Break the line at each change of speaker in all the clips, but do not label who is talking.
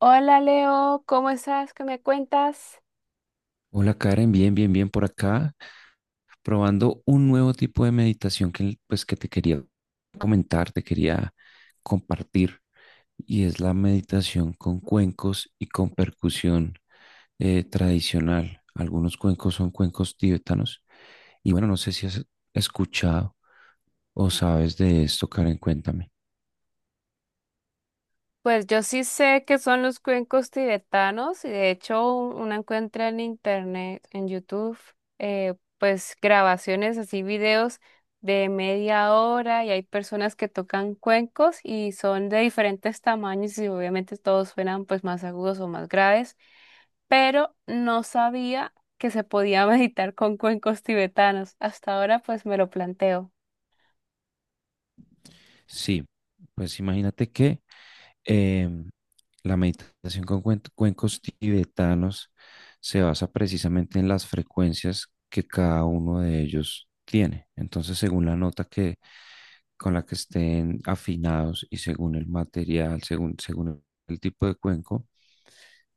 Hola Leo, ¿cómo estás? ¿Qué me cuentas?
Hola Karen, bien, bien, bien por acá, probando un nuevo tipo de meditación que, pues, que te quería comentar, te quería compartir, y es la meditación con cuencos y con percusión tradicional. Algunos cuencos son cuencos tibetanos, y bueno, no sé si has escuchado o sabes de esto, Karen, cuéntame.
Pues yo sí sé que son los cuencos tibetanos y de hecho uno encuentra en internet, en YouTube, pues grabaciones así, videos de media hora y hay personas que tocan cuencos y son de diferentes tamaños y obviamente todos suenan pues más agudos o más graves, pero no sabía que se podía meditar con cuencos tibetanos. Hasta ahora pues me lo planteo.
Sí, pues imagínate que Em, la meditación con cuencos tibetanos se basa precisamente en las frecuencias que cada uno de ellos tiene. Entonces, según la nota que con la que estén afinados y según el material, según, según el tipo de cuenco,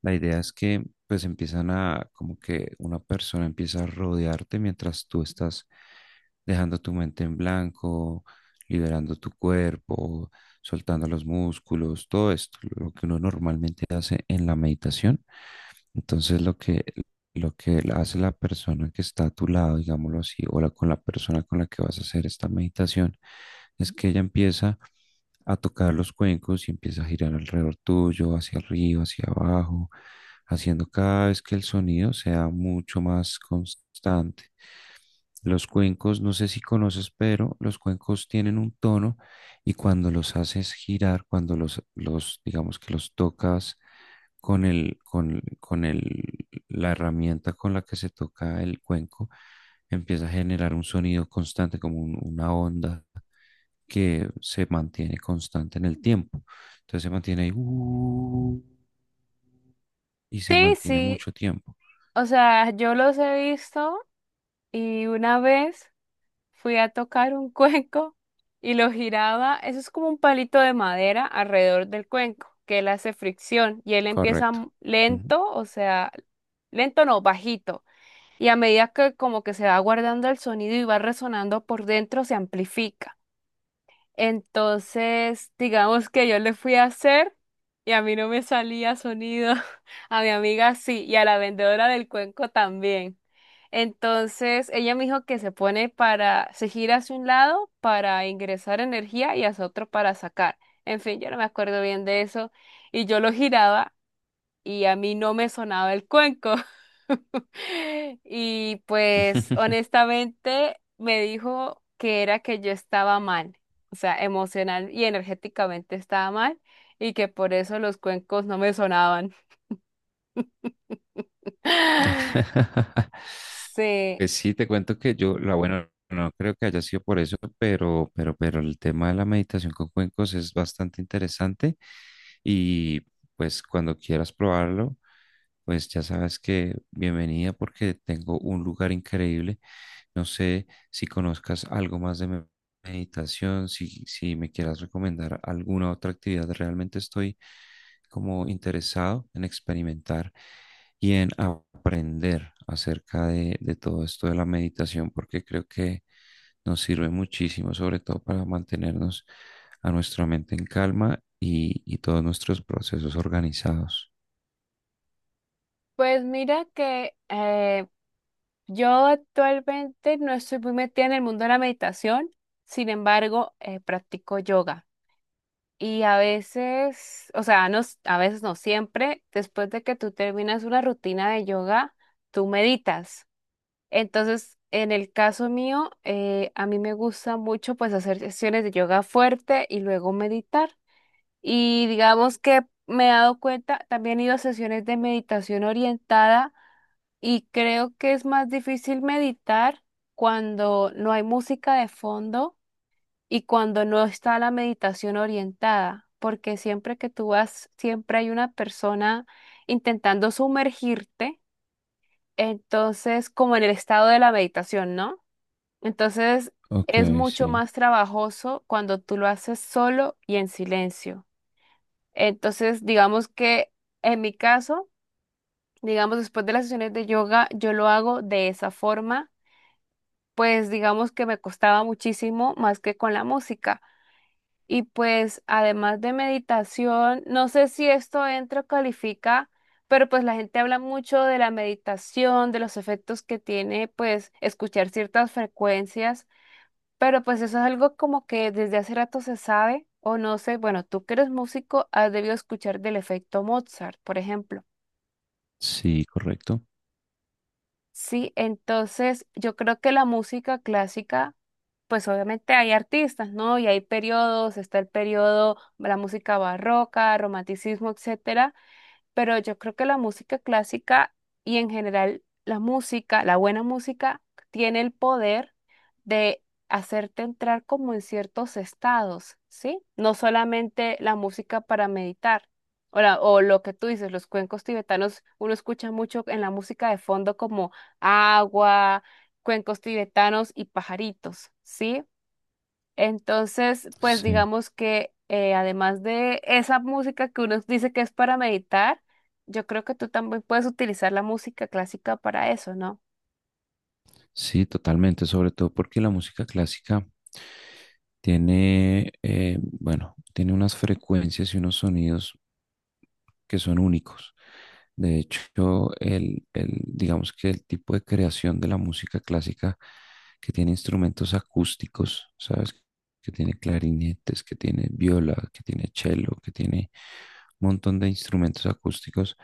la idea es que pues empiezan a, como que una persona empieza a rodearte mientras tú estás dejando tu mente en blanco, liberando tu cuerpo, soltando los músculos, todo esto, lo que uno normalmente hace en la meditación. Entonces lo que hace la persona que está a tu lado, digámoslo así, o con la persona con la que vas a hacer esta meditación, es que ella empieza a tocar los cuencos y empieza a girar alrededor tuyo, hacia arriba, hacia abajo, haciendo cada vez que el sonido sea mucho más constante. Los cuencos, no sé si conoces, pero los cuencos tienen un tono y cuando los haces girar, cuando los digamos que los tocas con el, la herramienta con la que se toca el cuenco, empieza a generar un sonido constante, como una onda que se mantiene constante en el tiempo. Entonces se mantiene ahí, y se
Sí,
mantiene
sí.
mucho tiempo.
O sea, yo los he visto y una vez fui a tocar un cuenco y lo giraba, eso es como un palito de madera alrededor del cuenco, que él hace fricción y él empieza
Correcto. Ujú.
lento, o sea, lento no, bajito. Y a medida que como que se va guardando el sonido y va resonando por dentro, se amplifica. Entonces, digamos que yo le fui a hacer y a mí no me salía sonido, a mi amiga sí, y a la vendedora del cuenco también. Entonces, ella me dijo que se pone para, se gira hacia un lado para ingresar energía y hacia otro para sacar. En fin, yo no me acuerdo bien de eso. Y yo lo giraba y a mí no me sonaba el cuenco. Y pues honestamente me dijo que era que yo estaba mal, o sea, emocional y energéticamente estaba mal y que por eso los cuencos no me sonaban. Sí,
Pues sí, te cuento que yo, la buena, no creo que haya sido por eso, pero el tema de la meditación con cuencos es bastante interesante y pues cuando quieras probarlo, pues ya sabes que bienvenida porque tengo un lugar increíble. No sé si conozcas algo más de meditación, si me quieras recomendar alguna otra actividad. Realmente estoy como interesado en experimentar y en aprender acerca de todo esto de la meditación, porque creo que nos sirve muchísimo, sobre todo para mantenernos a nuestra mente en calma y todos nuestros procesos organizados.
pues mira que yo actualmente no estoy muy metida en el mundo de la meditación. Sin embargo, practico yoga. Y a veces, o sea, no, a veces no siempre, después de que tú terminas una rutina de yoga, tú meditas. Entonces, en el caso mío, a mí me gusta mucho pues hacer sesiones de yoga fuerte y luego meditar. Y digamos que me he dado cuenta, también he ido a sesiones de meditación orientada y creo que es más difícil meditar cuando no hay música de fondo y cuando no está la meditación orientada, porque siempre que tú vas, siempre hay una persona intentando sumergirte, entonces como en el estado de la meditación, ¿no? Entonces
Ok,
es mucho
sí.
más trabajoso cuando tú lo haces solo y en silencio. Entonces, digamos que en mi caso, digamos después de las sesiones de yoga, yo lo hago de esa forma, pues digamos que me costaba muchísimo más que con la música. Y pues además de meditación, no sé si esto entra o califica, pero pues la gente habla mucho de la meditación, de los efectos que tiene pues escuchar ciertas frecuencias, pero pues eso es algo como que desde hace rato se sabe, o no sé, bueno, tú que eres músico, has debido escuchar del efecto Mozart, por ejemplo.
Sí, correcto.
Sí, entonces yo creo que la música clásica, pues obviamente hay artistas, ¿no? Y hay periodos, está el periodo, la música barroca, romanticismo, etcétera, pero yo creo que la música clásica y en general la música, la buena música, tiene el poder de hacerte entrar como en ciertos estados, ¿sí? No solamente la música para meditar. O, o lo que tú dices, los cuencos tibetanos, uno escucha mucho en la música de fondo como agua, cuencos tibetanos y pajaritos, ¿sí? Entonces, pues
Sí.
digamos que además de esa música que uno dice que es para meditar, yo creo que tú también puedes utilizar la música clásica para eso, ¿no?
Sí, totalmente, sobre todo porque la música clásica tiene, bueno, tiene unas frecuencias y unos sonidos que son únicos. De hecho, el digamos que el tipo de creación de la música clásica que tiene instrumentos acústicos, ¿sabes? Que tiene clarinetes, que tiene viola, que tiene cello, que tiene un montón de instrumentos acústicos,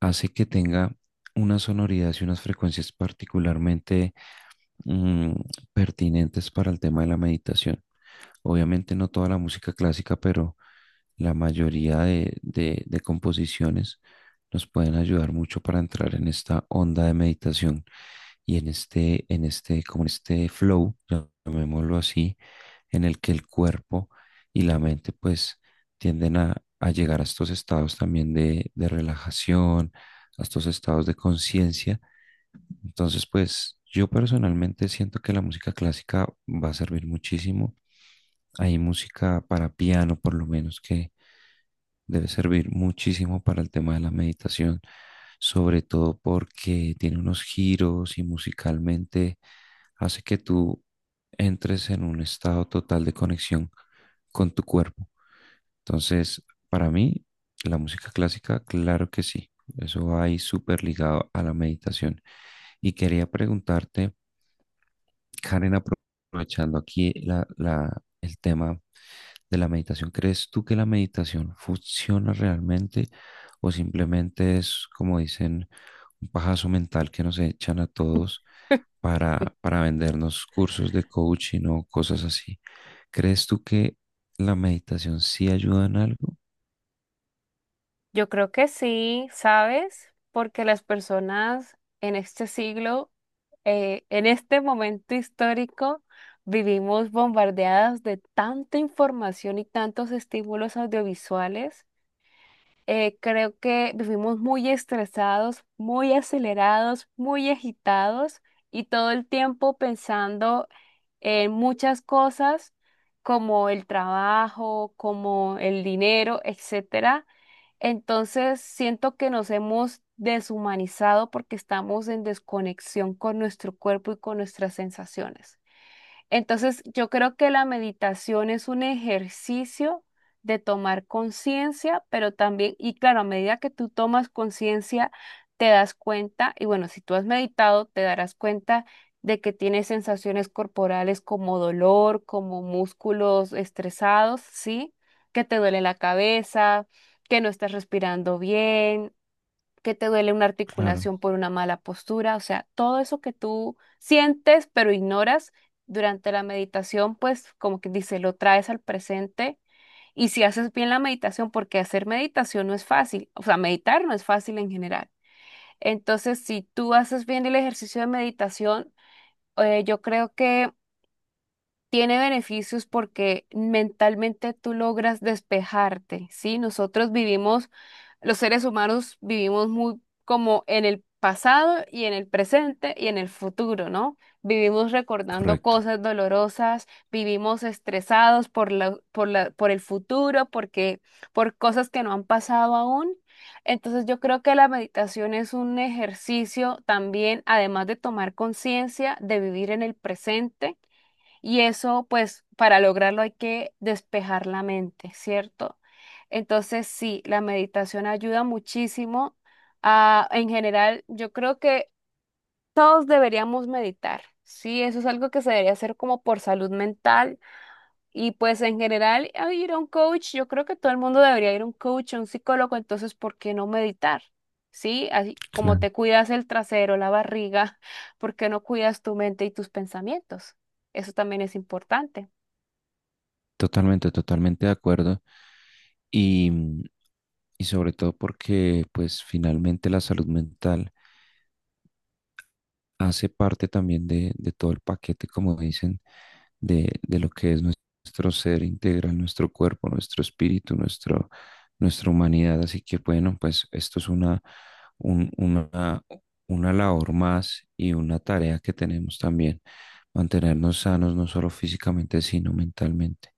hace que tenga unas sonoridades y unas frecuencias particularmente mm, pertinentes para el tema de la meditación. Obviamente no toda la música clásica, pero la mayoría de, de composiciones nos pueden ayudar mucho para entrar en esta onda de meditación y en este, como en este flow, llamémoslo así, en el que el cuerpo y la mente pues tienden a llegar a estos estados también de relajación, a estos estados de conciencia, entonces, pues yo personalmente siento que la música clásica va a servir muchísimo. Hay música para piano, por lo menos, que debe servir muchísimo para el tema de la meditación, sobre todo porque tiene unos giros y musicalmente hace que tú entres en un estado total de conexión con tu cuerpo. Entonces, para mí, la música clásica, claro que sí. Eso va ahí súper ligado a la meditación. Y quería preguntarte, Karen, aprovechando aquí el tema de la meditación, ¿crees tú que la meditación funciona realmente o simplemente es, como dicen, un pajazo mental que nos echan a todos para vendernos cursos de coaching o cosas así? ¿Crees tú que la meditación sí ayuda en algo?
Yo creo que sí, ¿sabes? Porque las personas en este siglo, en este momento histórico, vivimos bombardeadas de tanta información y tantos estímulos audiovisuales. Creo que vivimos muy estresados, muy acelerados, muy agitados y todo el tiempo pensando en muchas cosas como el trabajo, como el dinero, etcétera. Entonces siento que nos hemos deshumanizado porque estamos en desconexión con nuestro cuerpo y con nuestras sensaciones. Entonces, yo creo que la meditación es un ejercicio de tomar conciencia, pero también, y claro, a medida que tú tomas conciencia, te das cuenta, y bueno, si tú has meditado, te darás cuenta de que tienes sensaciones corporales como dolor, como músculos estresados, ¿sí? Que te duele la cabeza, que no estás respirando bien, que te duele una
Claro,
articulación por una mala postura, o sea, todo eso que tú sientes pero ignoras durante la meditación, pues como que dice, lo traes al presente y si haces bien la meditación, porque hacer meditación no es fácil, o sea, meditar no es fácil en general. Entonces, si tú haces bien el ejercicio de meditación, yo creo que tiene beneficios porque mentalmente tú logras despejarte, ¿sí? Nosotros vivimos, los seres humanos vivimos muy como en el pasado y en el presente y en el futuro, ¿no? Vivimos recordando
correcto.
cosas dolorosas, vivimos estresados por por el futuro, porque, por cosas que no han pasado aún. Entonces yo creo que la meditación es un ejercicio también, además de tomar conciencia, de vivir en el presente y eso, pues, para lograrlo hay que despejar la mente, ¿cierto? Entonces, sí, la meditación ayuda muchísimo a, en general, yo creo que todos deberíamos meditar, ¿sí? Eso es algo que se debería hacer como por salud mental y pues en general a ir a un coach, yo creo que todo el mundo debería ir a un coach, a un psicólogo, entonces, ¿por qué no meditar? Sí, así como
Claro.
te cuidas el trasero, la barriga, ¿por qué no cuidas tu mente y tus pensamientos? Eso también es importante.
Totalmente, totalmente de acuerdo. Y, mm, y sobre todo porque pues finalmente la salud mental hace parte también de todo el paquete, como dicen, de lo que es nuestro ser integral, nuestro cuerpo, nuestro espíritu, nuestro, nuestra humanidad. Así que bueno, pues esto es una, un- una, una labor más y una tarea que tenemos también, mantenernos sanos no solo físicamente, sino mentalmente.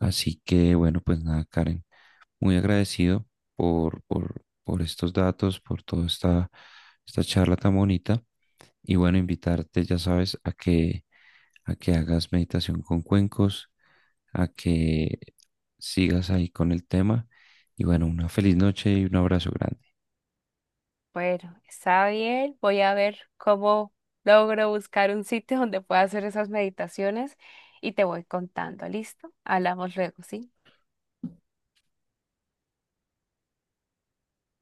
Así que bueno, pues nada, Karen, muy agradecido por estos datos, por toda esta, esta charla tan bonita. Y bueno, invitarte, ya sabes, a que hagas meditación con cuencos, a que sigas ahí con el tema. Y bueno, una feliz noche y un abrazo grande.
Bueno, está bien. Voy a ver cómo logro buscar un sitio donde pueda hacer esas meditaciones y te voy contando. ¿Listo? Hablamos luego, ¿sí?